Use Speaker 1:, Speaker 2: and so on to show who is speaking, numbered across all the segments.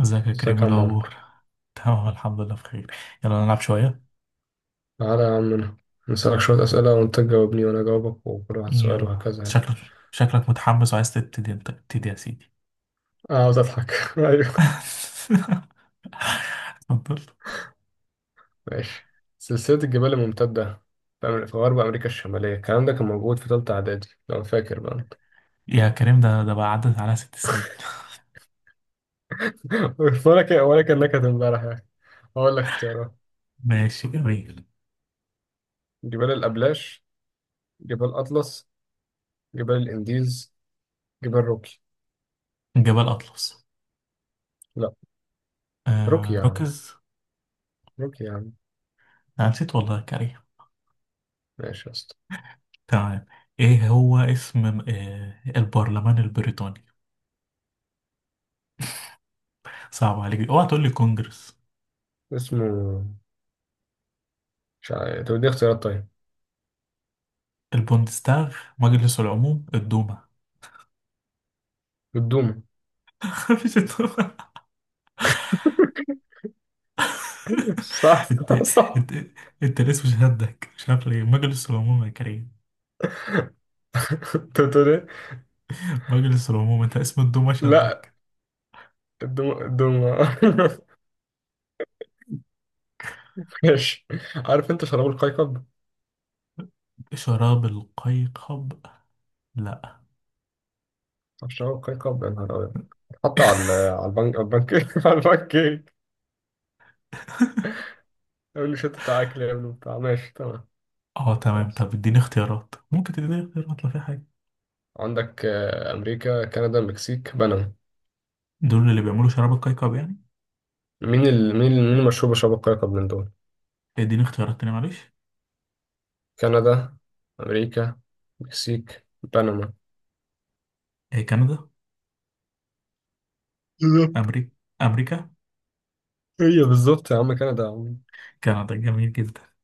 Speaker 1: ازيك يا كريم،
Speaker 2: ازيك
Speaker 1: إيه
Speaker 2: يا عم عمرو.
Speaker 1: الأخبار؟ تمام، الحمد لله بخير. يلا نلعب شوية.
Speaker 2: تعالى يا عم، انا نسألك شوية أسئلة وأنت تجاوبني وأنا أجاوبك وكل واحد سؤال
Speaker 1: يلا،
Speaker 2: وهكذا يعني.
Speaker 1: شكلك متحمس وعايز تبتدي، انت ابتدي يا سيدي.
Speaker 2: أنا عاوز أضحك. أيوه.
Speaker 1: اتفضل.
Speaker 2: ماشي. سلسلة الجبال الممتدة في في غرب أمريكا الشمالية، الكلام ده كان موجود في تالتة إعدادي لو فاكر بقى أنت.
Speaker 1: يا كريم، ده بقى عدت على 6 سنين.
Speaker 2: ولا كان ولا كأنك امبارح يعني. هقول لك اختيارات:
Speaker 1: ماشي جميل.
Speaker 2: جبال الأبلاش، جبال أطلس، جبال الإنديز، جبال روكي.
Speaker 1: جبل أطلس.
Speaker 2: لا، روكي
Speaker 1: آه
Speaker 2: يا عم،
Speaker 1: ركز.
Speaker 2: روكي يا عم.
Speaker 1: أنا نسيت والله يا كريم.
Speaker 2: ماشي يا اسطى.
Speaker 1: تمام. ايه هو اسم البرلمان البريطاني؟ صعب عليك، اوعى تقول لي كونجرس،
Speaker 2: اسمه مش عارف، طب دي اختيارات طيب.
Speaker 1: البوندستاغ، مجلس العموم، الدوما.
Speaker 2: الدوم.
Speaker 1: مفيش الدوما.
Speaker 2: صح.
Speaker 1: انت.
Speaker 2: صح.
Speaker 1: انت. انت الاسم شدك، مش عارف ليه مجلس العموم يا كريم.
Speaker 2: انت بتقول ايه؟
Speaker 1: مجلس العموم، انت اسم الدومة
Speaker 2: لا،
Speaker 1: شدك.
Speaker 2: الدوم الدوم. ماشي. عارف انت شراب القيقب؟
Speaker 1: شراب القيقب؟ لا.
Speaker 2: عارف شراب القيقب يا نهار ابيض. حط على على البنك، على البنك، على البنك كيك. يقول لي شت بتاع اكل يا ابني بتاع. ماشي تمام.
Speaker 1: اه تمام،
Speaker 2: خلاص.
Speaker 1: طب اديني اختيارات، ممكن تديني اختيارات لو في حاجة.
Speaker 2: عندك امريكا، كندا، المكسيك، بنما.
Speaker 1: دول اللي بيعملوا شراب القيقب يعني؟
Speaker 2: مين المشهور بشراب القيقب من دول؟
Speaker 1: اديني اختيارات تاني معلش.
Speaker 2: كندا، امريكا، المكسيك، بنما.
Speaker 1: ايه كندا.
Speaker 2: بالظبط.
Speaker 1: امريكا، امريكا.
Speaker 2: هي بالظبط يا عم، كندا يا عم.
Speaker 1: كندا جميل جدا.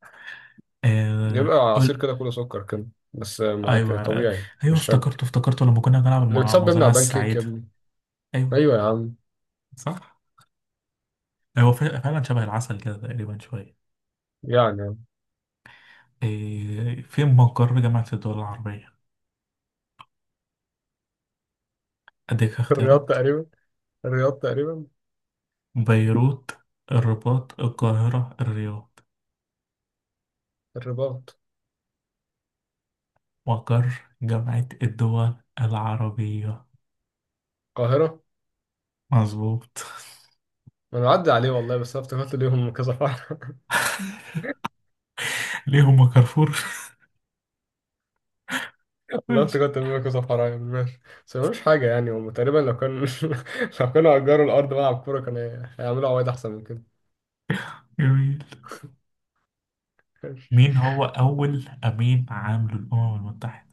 Speaker 2: يبقى عصير
Speaker 1: قول.
Speaker 2: كده كله سكر كده، بس ما ك-
Speaker 1: ايوه.
Speaker 2: طبيعي
Speaker 1: ايوه
Speaker 2: مش شجر.
Speaker 1: افتكرته افتكرته لما كنا بنلعب
Speaker 2: اللي بتصاب بيمنع
Speaker 1: المزرعة
Speaker 2: بان كيك يا
Speaker 1: السعيدة.
Speaker 2: ابني.
Speaker 1: ايوه
Speaker 2: ايوه يا عم.
Speaker 1: صح. ايوه فعلا شبه العسل كده تقريبا شوية.
Speaker 2: يعني.
Speaker 1: إيه، فين مقر جامعة الدول العربية؟ أديك
Speaker 2: الرياض
Speaker 1: اختيارات،
Speaker 2: تقريبا. الرياض تقريبا.
Speaker 1: بيروت، الرباط، القاهرة، الرياض.
Speaker 2: الرباط،
Speaker 1: مقر جامعة الدول العربية.
Speaker 2: القاهرة.
Speaker 1: مظبوط.
Speaker 2: انا عدى عليه والله، بس انا افتكرت ليهم كذا فرع.
Speaker 1: ليهم كارفور.
Speaker 2: والله
Speaker 1: ماشي
Speaker 2: افتكرت ليهم كذا فرع يعني. ماشي. بس ملوش حاجة يعني، هم تقريبا لو كان لو كانوا أجروا الأرض ملعب كورة كان هيعملوا عوايد أحسن من كده.
Speaker 1: جميل.
Speaker 2: ماشي،
Speaker 1: مين هو أول أمين عام للأمم المتحدة؟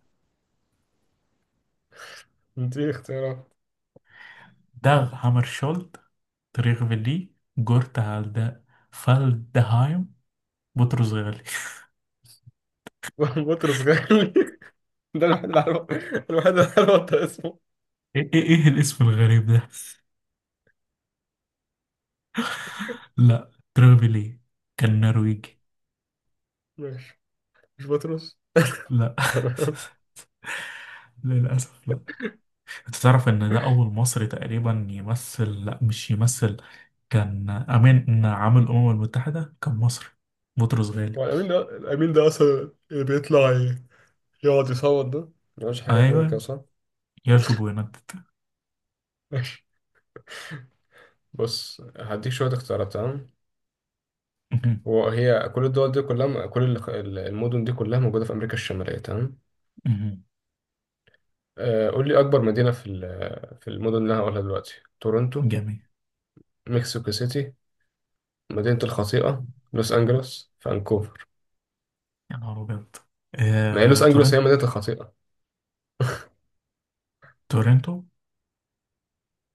Speaker 2: دي اختيارات.
Speaker 1: داغ هامرشولد، تريغ فيلي، جورت هالدا، فالدهايم، بطرس غالي.
Speaker 2: بطرس غالي. ده الوحيد اللي عارف، الوحيد اللي عارف انت اسمه.
Speaker 1: ايه ايه إيه الاسم الغريب ده؟ لا تريغ فيلي، كان نرويجي.
Speaker 2: ماشي. مش بطرس.
Speaker 1: لا. للأسف لا. انت تعرف ان ده اول مصري تقريبا يمثل، لا مش يمثل، كان امين عامل الامم المتحدة، كان مصري. بطرس غالي.
Speaker 2: هو الأمين ده، الأمين ده أصلا اللي بيطلع يقعد يصوت، ده ملوش حاجة كده كده
Speaker 1: ايوه
Speaker 2: صح؟
Speaker 1: يشجب وينتت.
Speaker 2: ماشي. بص، هديك شوية اختيارات تمام.
Speaker 1: مهم.
Speaker 2: هو هي كل الدول دي كلها، كل المدن دي كلها موجودة في أمريكا الشمالية تمام.
Speaker 1: مهم.
Speaker 2: قول لي أكبر مدينة في في المدن اللي أنا هقولها دلوقتي. تورونتو،
Speaker 1: جميل.
Speaker 2: مكسيكو سيتي، مدينة الخطيئة، لوس أنجلوس، فانكوفر.
Speaker 1: يا نهار ابيض.
Speaker 2: ما هي
Speaker 1: آه،
Speaker 2: لوس أنجلوس هي
Speaker 1: تورنت
Speaker 2: مدينة الخطيئة.
Speaker 1: تورنتو.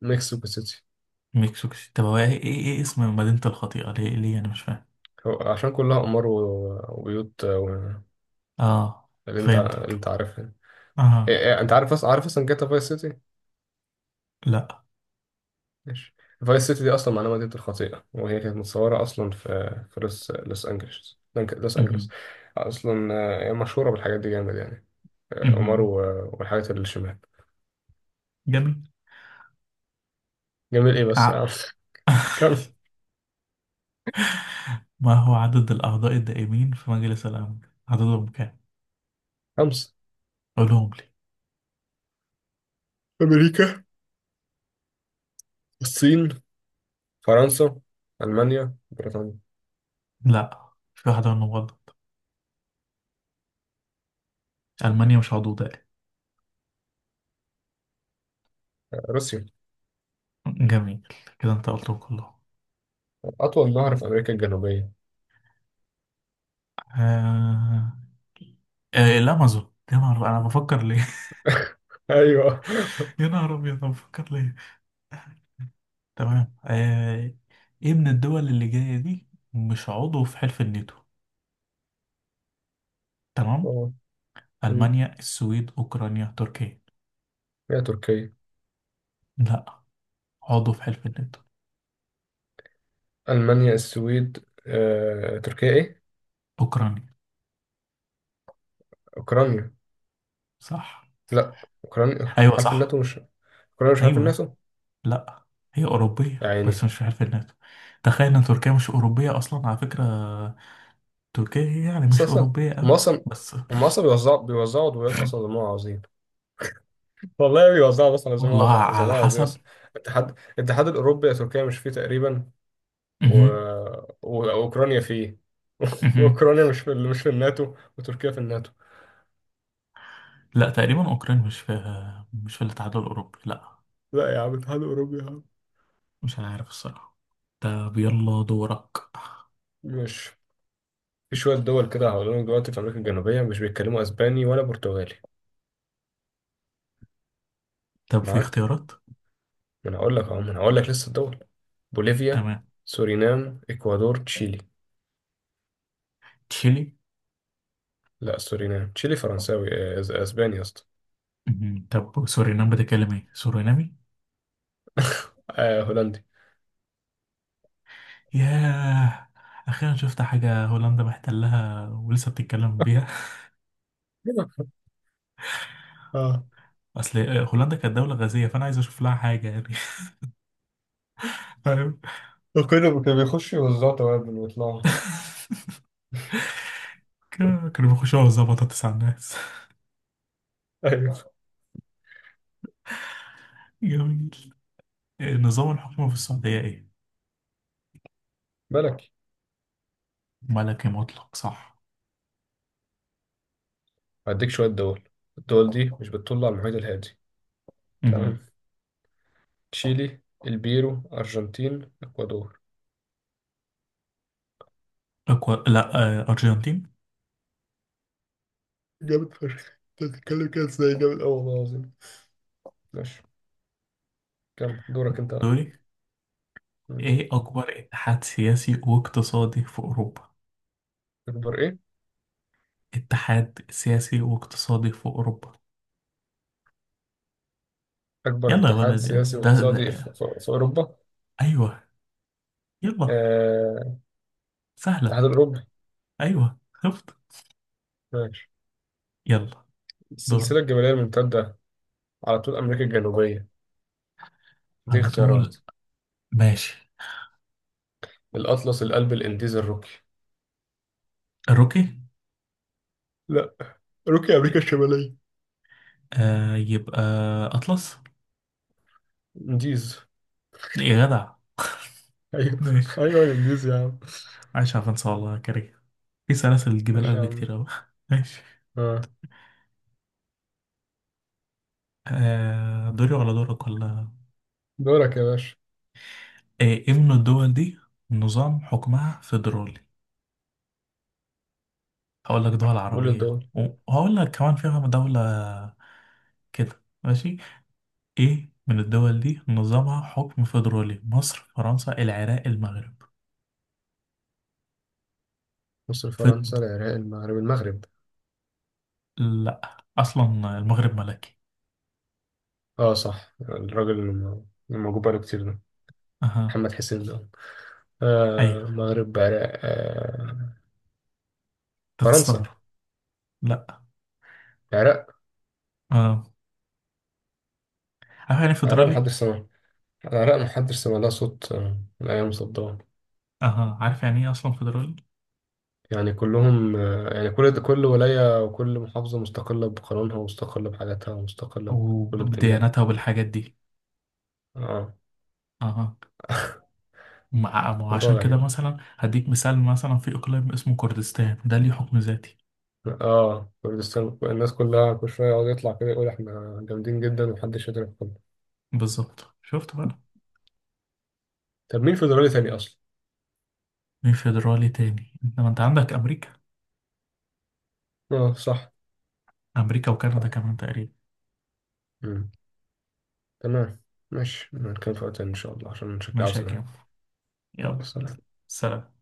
Speaker 2: مكسيكو سيتي.
Speaker 1: مكسيكو سيتي طب هو ايه ايه إيه اسم مدينة الخطيئة؟ ليه انا مش فاهم.
Speaker 2: هو عشان كلها أمار وبيوت
Speaker 1: اه
Speaker 2: اللي أنت، اللي
Speaker 1: فهمتك.
Speaker 2: أنت عارفها. إيه-
Speaker 1: اه.
Speaker 2: إيه، أنت عارف أصلا، عارف أصلا جاتا فايس سيتي.
Speaker 1: لا.
Speaker 2: ماشي. فايس سيتي دي اصلا معناها مدينه الخطيئه، وهي كانت متصوره اصلا في لوس انجلوس، لوس انجلوس
Speaker 1: مهم.
Speaker 2: اصلا. هي مشهوره بالحاجات دي جامد يعني. عمر
Speaker 1: مهم.
Speaker 2: والحاجات اللي الشمال.
Speaker 1: جميل.
Speaker 2: جميل ايه بس
Speaker 1: عقل.
Speaker 2: كم.
Speaker 1: ما هو عدد الأعضاء الدائمين في مجلس الأمن؟ عددهم كام؟
Speaker 2: خمسة:
Speaker 1: قولهم لي.
Speaker 2: أمريكا، الصين، فرنسا، ألمانيا، بريطانيا.
Speaker 1: لا في واحدة منهم غلط، ألمانيا مش عضو دائم.
Speaker 2: روسيا.
Speaker 1: جميل، كده أنت قلتهم كلهم.
Speaker 2: أطول نهر في أمريكا الجنوبية.
Speaker 1: آه... الأمازون. يا نهار أنا بفكر ليه.
Speaker 2: أيوه.
Speaker 1: يا نهار أبيض أنا بفكر ليه. تمام. إيه من الدول اللي جاية دي مش عضو في حلف الناتو؟ تمام.
Speaker 2: آه. مم.
Speaker 1: ألمانيا، السويد، أوكرانيا، تركيا.
Speaker 2: هي تركيا.
Speaker 1: لا عضو في حلف الناتو.
Speaker 2: ألمانيا، السويد، تركيا، إيه؟
Speaker 1: أوكرانيا
Speaker 2: أوكرانيا.
Speaker 1: صح.
Speaker 2: لا. أوكرانيا.
Speaker 1: أيوة
Speaker 2: حرف
Speaker 1: صح.
Speaker 2: الناتو مش كولر، مش عارف
Speaker 1: أيوة.
Speaker 2: الناسه.
Speaker 1: لا هي
Speaker 2: يا
Speaker 1: أوروبية
Speaker 2: عيني.
Speaker 1: بس مش في حلف الناتو. تخيل إن تركيا مش أوروبية أصلا على فكرة، تركيا هي يعني
Speaker 2: بس
Speaker 1: مش
Speaker 2: اصلا
Speaker 1: أوروبية أوي.
Speaker 2: هم اصلا
Speaker 1: بس
Speaker 2: هم اصلا بيوزعوا عضويات اصلا زي ما هو عاوزين. والله بيوزعوا اصلا زي ما
Speaker 1: والله
Speaker 2: هو زي ما
Speaker 1: على
Speaker 2: هو عاوزين
Speaker 1: حسب.
Speaker 2: اصلا. الاتحاد الاوروبي يا تركيا مش فيه تقريبا. و...
Speaker 1: مهم.
Speaker 2: واوكرانيا فيه.
Speaker 1: مهم.
Speaker 2: اوكرانيا مش في الناتو، وتركيا في الناتو.
Speaker 1: لا تقريبا أوكران مش في، مش في الاتحاد الأوروبي، لا.
Speaker 2: لا يا عم، الاتحاد الاوروبي يا عم.
Speaker 1: مش عارف الصراحة. طب يلا دورك.
Speaker 2: مش في شويه دول كده هقول لك دلوقتي في امريكا الجنوبيه مش بيتكلموا اسباني ولا برتغالي.
Speaker 1: طب في
Speaker 2: معاك.
Speaker 1: اختيارات؟
Speaker 2: ما انا هقول لك اهو ما انا هقول لك لسه الدول: بوليفيا،
Speaker 1: تمام.
Speaker 2: سورينام، اكوادور، تشيلي.
Speaker 1: تشيلي.
Speaker 2: لا، سورينام. تشيلي فرنساوي. اسباني يا اسطى.
Speaker 1: مهم. طب سورينام بتتكلم ايه، سورينامي؟
Speaker 2: آه، هولندي.
Speaker 1: ياه، أخيرا شفت حاجة هولندا محتلها ولسه بتتكلم بيها.
Speaker 2: اه،
Speaker 1: اصل هولندا كانت دولة غازية، فانا عايز اشوف لها حاجة يعني. فاهم.
Speaker 2: وكله كان بيخش يوزعوا توابل ويطلعوا.
Speaker 1: كانوا بيخشوا على بطاطس على الناس.
Speaker 2: ايوه
Speaker 1: جميل. نظام الحكم في السعودية ايه؟
Speaker 2: ملكي.
Speaker 1: ملكي مطلق صح.
Speaker 2: هديك شويه دول. الدول دي مش بتطل على المحيط الهادي.
Speaker 1: مهم.
Speaker 2: تمام: تشيلي، البيرو، ارجنتين، اكوادور.
Speaker 1: أكبر، لا أرجنتين.
Speaker 2: جامد فشخ، انت بتتكلم كده ازاي، جامد قوي والله العظيم. ماشي. كم؟ دورك انت.
Speaker 1: سوري.
Speaker 2: مم.
Speaker 1: ايه أكبر اتحاد سياسي واقتصادي في أوروبا؟
Speaker 2: اكبر ايه؟
Speaker 1: اتحاد سياسي واقتصادي في أوروبا.
Speaker 2: اكبر
Speaker 1: يلا يا
Speaker 2: اتحاد
Speaker 1: ولد.
Speaker 2: سياسي
Speaker 1: ده,
Speaker 2: واقتصادي
Speaker 1: ده.
Speaker 2: في اوروبا.
Speaker 1: أيوه. يلا.
Speaker 2: آه،
Speaker 1: سهلة.
Speaker 2: الاتحاد الاوروبي.
Speaker 1: أيوه خفت.
Speaker 2: ماشي.
Speaker 1: يلا. دور.
Speaker 2: السلسله الجبليه الممتده على طول أمريكا الجنوبية، دي
Speaker 1: على
Speaker 2: اختيارات:
Speaker 1: طول، ماشي.
Speaker 2: الأطلس، القلب، الإنديز، الروكي.
Speaker 1: الروكي.
Speaker 2: لا، روكي أمريكا الشمالية.
Speaker 1: يبقى أطلس.
Speaker 2: إنديز.
Speaker 1: يا جدع.
Speaker 2: أيوه.
Speaker 1: ماشي.
Speaker 2: أيوه الإنديز يا عم.
Speaker 1: عايش على فرنسا والله يا كريم. في سلاسل جبال
Speaker 2: ماشي يا
Speaker 1: قلب
Speaker 2: عم.
Speaker 1: كتير أوي. ماشي.
Speaker 2: آه.
Speaker 1: دوري ولا دورك ولا؟
Speaker 2: دورك يا باشا.
Speaker 1: إيه من الدول دي نظام حكمها فيدرالي؟ هقول لك دول
Speaker 2: قول
Speaker 1: عربية
Speaker 2: الدول.
Speaker 1: وهقول لك كمان فيها دولة. كده ماشي. إيه من الدول دي نظامها حكم فيدرالي؟ مصر، فرنسا، العراق، المغرب.
Speaker 2: مصر،
Speaker 1: فيد
Speaker 2: فرنسا، العراق، المغرب. المغرب.
Speaker 1: لا أصلا المغرب ملكي.
Speaker 2: اه صح، الراجل اللي اللي موجود بقاله كتير ده،
Speaker 1: أها.
Speaker 2: محمد حسين ده. آه
Speaker 1: أيوه.
Speaker 2: مغرب، عراق. آه.
Speaker 1: أنت تستغرب.
Speaker 2: فرنسا.
Speaker 1: لا.
Speaker 2: عراق.
Speaker 1: اه. عارف يعني إيه
Speaker 2: عراق
Speaker 1: فيدرالي؟
Speaker 2: محدش سمع. العراق محدش سمع لها صوت من أيام صدام.
Speaker 1: اها عارف يعني ايه اصلا فيدرالي؟
Speaker 2: يعني كلهم يعني كل ولاية وكل محافظة مستقلة بقانونها، ومستقلة بحاجاتها، ومستقلة بكل بتنجانها.
Speaker 1: وبديانتها وبالحاجات دي.
Speaker 2: اه.
Speaker 1: اها. مع ما هو
Speaker 2: موضوع
Speaker 1: عشان كده
Speaker 2: غريب.
Speaker 1: مثلا هديك مثال، مثلا في اقليم اسمه كردستان ده ليه حكم ذاتي.
Speaker 2: اه كردستان، الناس كلها كل شوية يقعد يطلع كده يقول احنا جامدين جدا ومحدش يقدر يدخلنا.
Speaker 1: بالظبط شفت بقى.
Speaker 2: طب مين فيدرالي تاني أصلا؟
Speaker 1: مين فيدرالي تاني انت؟ ما انت عندك امريكا.
Speaker 2: اه صح.
Speaker 1: امريكا وكندا
Speaker 2: صح.
Speaker 1: كمان تقريبا.
Speaker 2: مم. تمام. ماشي، نتكلم في وقت تاني إن شاء الله عشان شكلي
Speaker 1: ماشي يا
Speaker 2: عاوز
Speaker 1: كيمو.
Speaker 2: أنام.
Speaker 1: يلا
Speaker 2: يلا سلام.
Speaker 1: سلام.